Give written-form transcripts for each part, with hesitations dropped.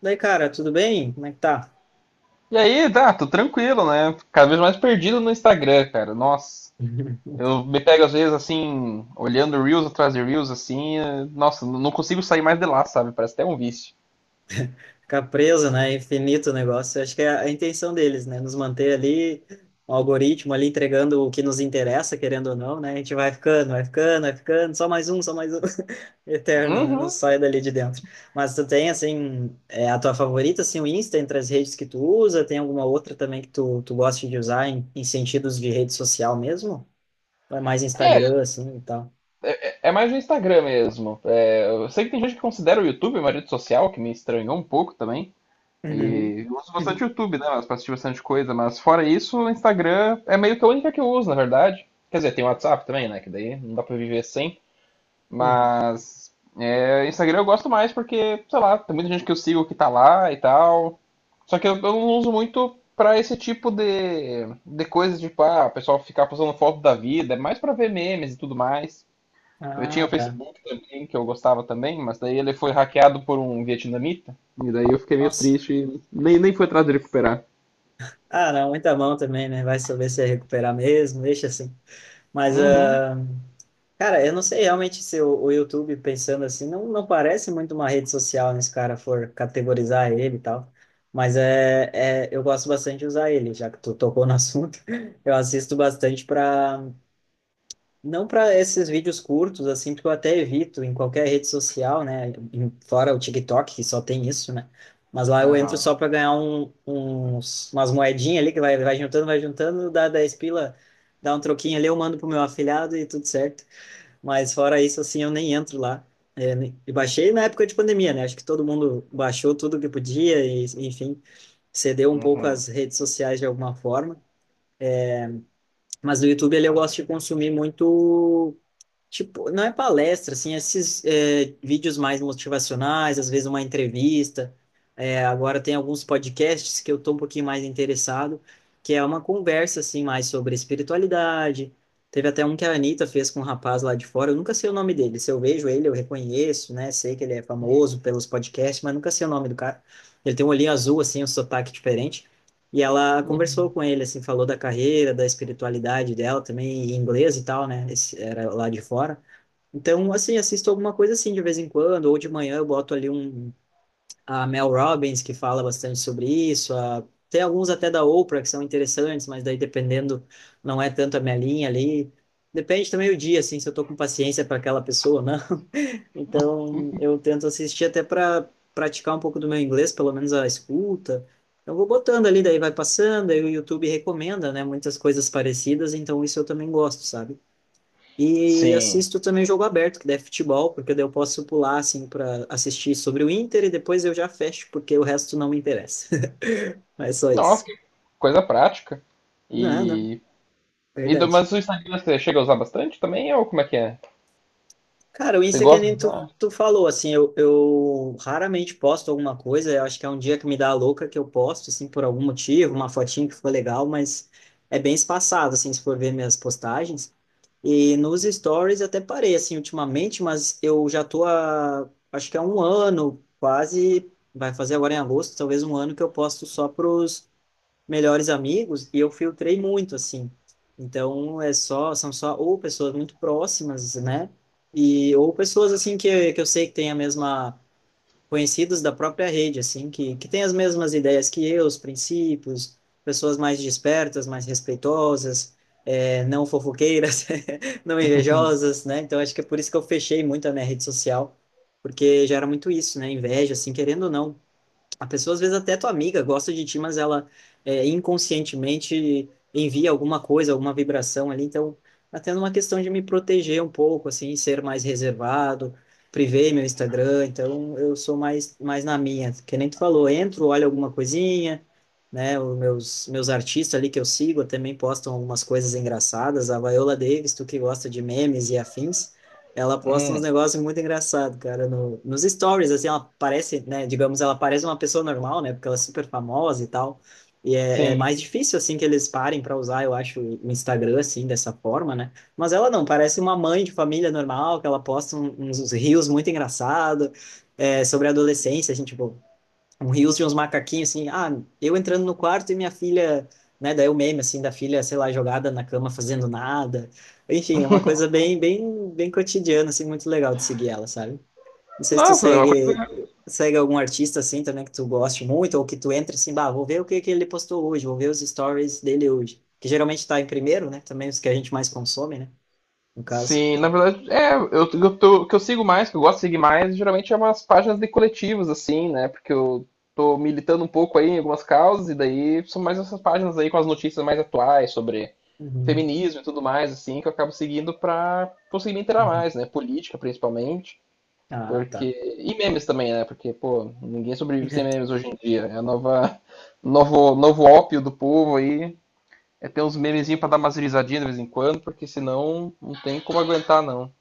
Daí, cara, tudo bem? Como é que tá? E aí, tá, tô tranquilo, né? Cada vez mais perdido no Instagram, cara. Nossa, eu me pego às vezes assim, olhando Reels atrás de Reels, assim. Nossa, não consigo sair mais de lá, sabe? Parece até um vício. Ficar preso, né? Infinito o negócio. Acho que é a intenção deles, né? Nos manter ali, um algoritmo ali entregando o que nos interessa, querendo ou não, né? A gente vai ficando, vai ficando, vai ficando, só mais um, só mais um. Eterno, né? Não Uhum. sai dali de dentro. Mas tu tem, assim, a tua favorita, assim, o Insta entre as redes que tu usa? Tem alguma outra também que tu gosta de usar em sentidos de rede social mesmo? Ou é mais Instagram, assim, e tal? É mais no Instagram mesmo. É, eu sei que tem gente que considera o YouTube uma rede social, que me estranhou um pouco também. Uhum. E eu uso bastante YouTube, né? Mas pra assistir bastante coisa. Mas fora isso, o Instagram é meio que a única que eu uso, na verdade. Quer dizer, tem o WhatsApp também, né? Que daí não dá pra viver sem. Uhum. Mas é, Instagram eu gosto mais porque, sei lá, tem muita gente que eu sigo que tá lá e tal. Só que eu não uso muito pra esse tipo de coisa, tipo, ah, o pessoal ficar postando foto da vida, é mais pra ver memes e tudo mais. Eu tinha o Ah, tá. Facebook também, que eu gostava também, mas daí ele foi hackeado por um vietnamita. E daí eu fiquei meio Nossa. triste, e nem fui atrás de recuperar. Ah, não, muita mão também, né? Vai saber se é recuperar mesmo, deixa assim. Mas, Uhum, ah, cara, eu não sei realmente se o YouTube, pensando assim, não parece muito uma rede social, né? Se o cara for categorizar ele e tal. Mas é, eu gosto bastante de usar ele, já que tu tocou no assunto. Eu assisto bastante para não para esses vídeos curtos, assim, porque eu até evito em qualquer rede social, né? Fora o TikTok, que só tem isso, né? Mas lá eu entro aham, só para ganhar umas moedinhas ali, que vai juntando, vai juntando, dá 10 pila, dá um troquinho ali, eu mando pro meu afilhado e tudo certo. Mas fora isso, assim, eu nem entro lá. É, e baixei na época de pandemia, né? Acho que todo mundo baixou tudo que podia e, enfim, cedeu um pouco uhum. às redes sociais de alguma forma. Mas no YouTube ali eu gosto de consumir muito tipo, não é palestra, assim, é esses vídeos mais motivacionais, às vezes uma entrevista. É, agora tem alguns podcasts que eu tô um pouquinho mais interessado, que é uma conversa, assim, mais sobre espiritualidade. Teve até um que a Anitta fez com um rapaz lá de fora, eu nunca sei o nome dele. Se eu vejo ele, eu reconheço, né? Sei que ele é famoso pelos podcasts, mas nunca sei o nome do cara. Ele tem um olhinho azul, assim, um sotaque diferente. E ela conversou com ele, assim, falou da carreira, da espiritualidade dela também, em inglês e tal, né? Esse, era lá de fora. Então, assim, assisto alguma coisa assim de vez em quando, ou de manhã eu boto ali a Mel Robbins, que fala bastante sobre isso, a, tem alguns até da Oprah que são interessantes, mas daí dependendo, não é tanto a minha linha ali. Depende também o dia, assim, se eu tô com paciência para aquela pessoa ou não. Então, eu tento assistir até para praticar um pouco do meu inglês, pelo menos a escuta. Eu vou botando ali, daí vai passando, aí o YouTube recomenda, né, muitas coisas parecidas, então isso eu também gosto, sabe? E Sim. assisto também jogo aberto, que daí é futebol, porque daí eu posso pular, assim, para assistir sobre o Inter e depois eu já fecho, porque o resto não me interessa. Mas só Nossa, isso. que coisa prática. Não, não, E E do- verdade. mas o Instagram você chega a usar bastante também, ou como é que é? Cara, o Você Insta é que gosta nem de tu, usar? tu falou, assim, eu raramente posto alguma coisa, eu acho que é um dia que me dá a louca que eu posto, assim, por algum motivo, uma fotinha que ficou legal, mas é bem espaçado, assim, se for ver minhas postagens. E nos stories até parei, assim, ultimamente, mas eu já tô há, acho que há um ano, quase, vai fazer agora em agosto, talvez um ano que eu posto só pros melhores amigos e eu filtrei muito assim. Então é só são só ou pessoas muito próximas, né? E ou pessoas assim que eu sei que têm a mesma conhecidos da própria rede assim, que têm as mesmas ideias que eu, os princípios, pessoas mais despertas, mais respeitosas, não fofoqueiras, não invejosas, né? Então acho que é por isso que eu fechei muito a minha rede social, porque já era muito isso, né? Inveja assim, querendo ou não a pessoa, às vezes, até é tua amiga gosta de ti, mas ela inconscientemente envia alguma coisa, alguma vibração ali. Então, até numa questão de me proteger um pouco, assim, ser mais reservado, privei meu Instagram. Então, eu sou mais na minha. Que nem tu falou, entro, olho alguma coisinha, né? Os meus artistas ali que eu sigo também postam algumas coisas engraçadas. A Viola Davis, tu que gosta de memes e afins, ela posta uns Hum, negócios muito engraçados, cara, no, nos stories, assim, ela parece, né, digamos, ela parece uma pessoa normal, né, porque ela é super famosa e tal, e é, é sim. mais difícil, assim, que eles parem para usar, eu acho, o Instagram, assim, dessa forma, né, mas ela não, parece uma mãe de família normal, que ela posta uns reels muito engraçados, sobre a adolescência, assim, tipo, um rios de uns macaquinhos, assim, ah, eu entrando no quarto e minha filha, né, daí o meme, assim, da filha, sei lá, jogada na cama fazendo nada, enfim, é uma coisa bem, bem, bem cotidiana, assim, muito legal de seguir ela, sabe? Não sei se tu Nossa, é uma segue, coisa. segue algum artista, assim, também que tu goste muito, ou que tu entra assim, bah, vou ver o que que ele postou hoje, vou ver os stories dele hoje, que geralmente tá em primeiro, né, também os que a gente mais consome, né, no caso. Sim, na verdade, é, eu tô- o que eu sigo mais, que eu gosto de seguir mais, geralmente é umas páginas de coletivos, assim, né? Porque eu tô militando um pouco aí em algumas causas, e daí são mais essas páginas aí com as notícias mais atuais sobre Uhum, feminismo e tudo mais, assim, que eu acabo seguindo pra conseguir me inteirar uhum. mais, né? Política, principalmente. Ah, Porque. tá. E memes também, né? Porque, pô, ninguém sobrevive sem memes hoje em dia. É a nova. Novo, novo ópio do povo aí. É ter uns memezinhos pra dar umas risadinhas de vez em quando, porque senão não tem como aguentar, não.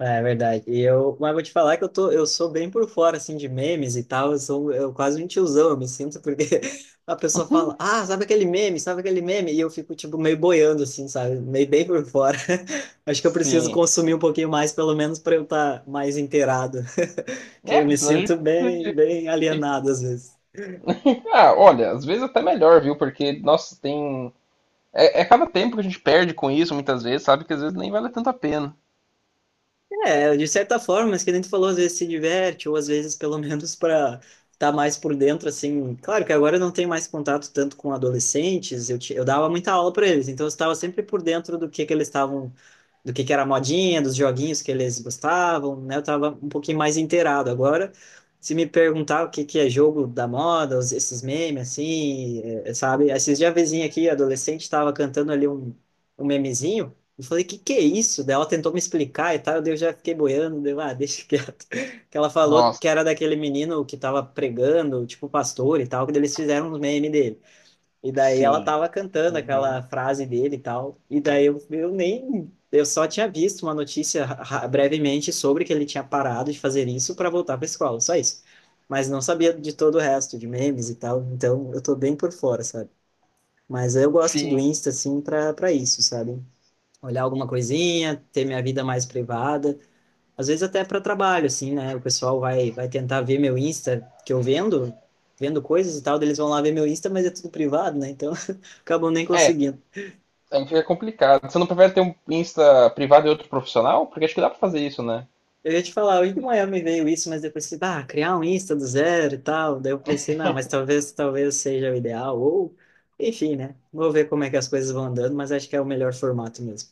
É verdade. E eu, mas vou te falar que eu tô, eu sou bem por fora assim de memes e tal. Eu quase um tiozão, eu me sinto porque a pessoa fala, ah, sabe aquele meme, e eu fico tipo meio boiando assim, sabe, meio bem por fora. Acho que eu preciso Sim. consumir um pouquinho mais, pelo menos para eu estar mais inteirado, que É, eu porque me senão a gente sinto bem, bem tem que. alienado às vezes. Ah, olha, às vezes até melhor, viu? Porque, nossa, tem. É, é cada tempo que a gente perde com isso, muitas vezes, sabe? Que às vezes nem vale tanto a pena. É, de certa forma, mas que nem tu falou, às vezes se diverte, ou às vezes pelo menos para estar mais por dentro, assim. Claro que agora eu não tenho mais contato tanto com adolescentes, eu dava muita aula para eles, então eu estava sempre por dentro do que eles estavam do que era a modinha, dos joguinhos que eles gostavam, né? Eu tava um pouquinho mais inteirado. Agora, se me perguntar o que que é jogo da moda, esses memes, assim, é, sabe? Esses dias a vizinha aqui, adolescente, estava cantando ali um, um memezinho. Eu falei, que é isso? Daí ela tentou me explicar e tal, daí eu já fiquei boiando, deu, ah, deixa quieto. Que ela falou Nossa, que era daquele menino que tava pregando, tipo pastor e tal, que daí eles fizeram um meme dele. E daí ela sim. tava cantando aquela Uhum. frase dele e tal. E daí eu nem. Eu só tinha visto uma notícia brevemente sobre que ele tinha parado de fazer isso para voltar para escola, só isso. Mas não sabia de todo o resto, de memes e tal. Então eu tô bem por fora, sabe? Mas eu gosto do Sim. Insta, assim, pra, pra isso, sabe? Olhar alguma coisinha, ter minha vida mais privada às vezes até para trabalho, assim, né? O pessoal vai tentar ver meu Insta, que eu vendo, vendo coisas e tal, daí eles vão lá ver meu Insta, mas é tudo privado, né? Então, acabam nem É, conseguindo. a gente fica complicado. Você não prefere ter um Insta privado e outro profissional? Porque acho que dá pra fazer isso, né? Eu ia te falar, em Miami veio isso, mas depois pensei, ah, criar um Insta do zero e tal. Daí eu pensei, não, mas talvez, talvez seja o ideal, ou enfim, né? Vou ver como é que as coisas vão andando, mas acho que é o melhor formato mesmo.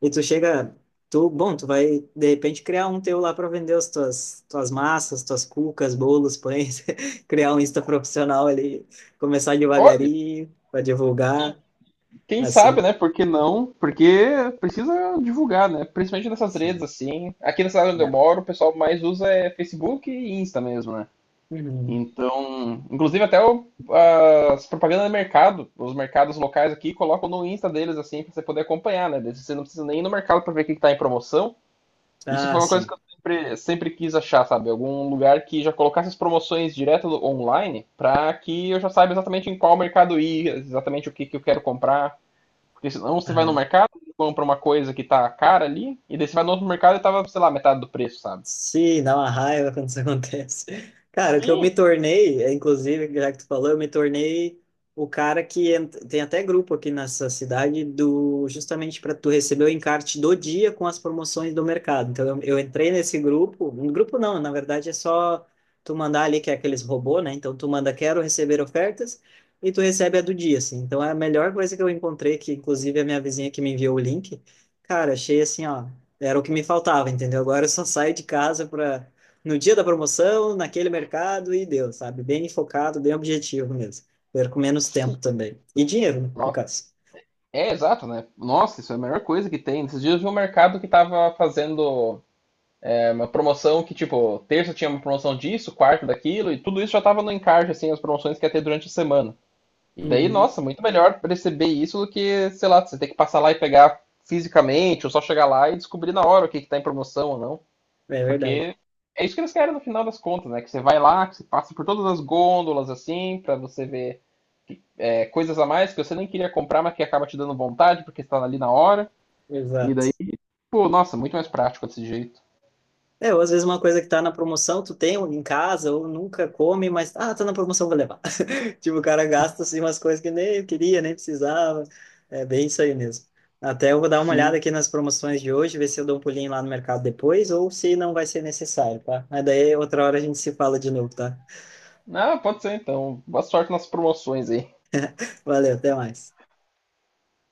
E tu chega, tu, bom, tu vai de repente criar um teu lá para vender as tuas massas, tuas cucas, bolos, pães, criar um Insta profissional ali, começar Olha, devagarinho para divulgar, quem sabe, assim. né? Por que não? Porque precisa divulgar, né? Principalmente nessas redes, Sim. assim. Aqui na cidade onde eu Né? moro, o pessoal mais usa é Facebook e Insta mesmo, né? Uhum. Então, inclusive até o, as propagandas do mercado, os mercados locais aqui colocam no Insta deles, assim, pra você poder acompanhar, né? Você não precisa nem ir no mercado pra ver o que que tá em promoção. Isso Ah, foi uma coisa sim. que eu sempre quis achar, sabe? Algum lugar que já colocasse as promoções direto do- online para que eu já saiba exatamente em qual mercado ir, exatamente o que, que eu quero comprar. Porque senão você vai no Ah. mercado, compra uma coisa que tá cara ali, e daí você vai no outro mercado e tava, sei lá, metade do preço, sabe? Sim, dá uma raiva quando isso acontece. Cara, o que eu me Sim, tornei, é, inclusive, já que tu falou, eu me tornei o cara que tem até grupo aqui nessa cidade do justamente para tu receber o encarte do dia com as promoções do mercado. Então eu entrei nesse grupo, um grupo não, na verdade é só tu mandar ali que é aqueles robô, né? Então tu manda quero receber ofertas e tu recebe a do dia, assim. Então é a melhor coisa que eu encontrei, que inclusive a minha vizinha que me enviou o link. Cara, achei assim, ó. Era o que me faltava, entendeu? Agora eu só saio de casa para no dia da promoção, naquele mercado e deu, sabe? Bem focado, bem objetivo mesmo. Perco menos sim. tempo também. E dinheiro, né, no Ó, caso. é, exato, né? Nossa, isso é a melhor coisa que tem. Esses dias eu vi um mercado que tava fazendo uma promoção que, tipo, terça tinha uma promoção disso, quarta daquilo, e tudo isso já tava no encarte, assim, as promoções que ia ter durante a semana. Daí, Uhum. nossa, muito melhor perceber isso do que, sei lá, você ter que passar lá e pegar fisicamente, ou só chegar lá e descobrir na hora o que, que tá em promoção ou não. É verdade. Porque é isso que eles querem no final das contas, né? Que você vai lá, que você passa por todas as gôndolas, assim, para você ver coisas a mais que você nem queria comprar, mas que acaba te dando vontade, porque você tá ali na hora. E Exato. daí, pô, nossa, muito mais prático desse jeito. É, ou às vezes uma coisa que tá na promoção, tu tem em casa ou nunca come, mas ah, tá na promoção, vou levar. Tipo, o cara gasta assim, umas coisas que nem queria, nem precisava. É bem isso aí mesmo. Até eu vou dar uma olhada Sim. aqui nas promoções de hoje, ver se eu dou um pulinho lá no mercado depois ou se não vai ser necessário, tá? Mas daí outra hora a gente se fala de novo, tá? Ah, pode ser então. Boa sorte nas promoções aí. Valeu, até mais.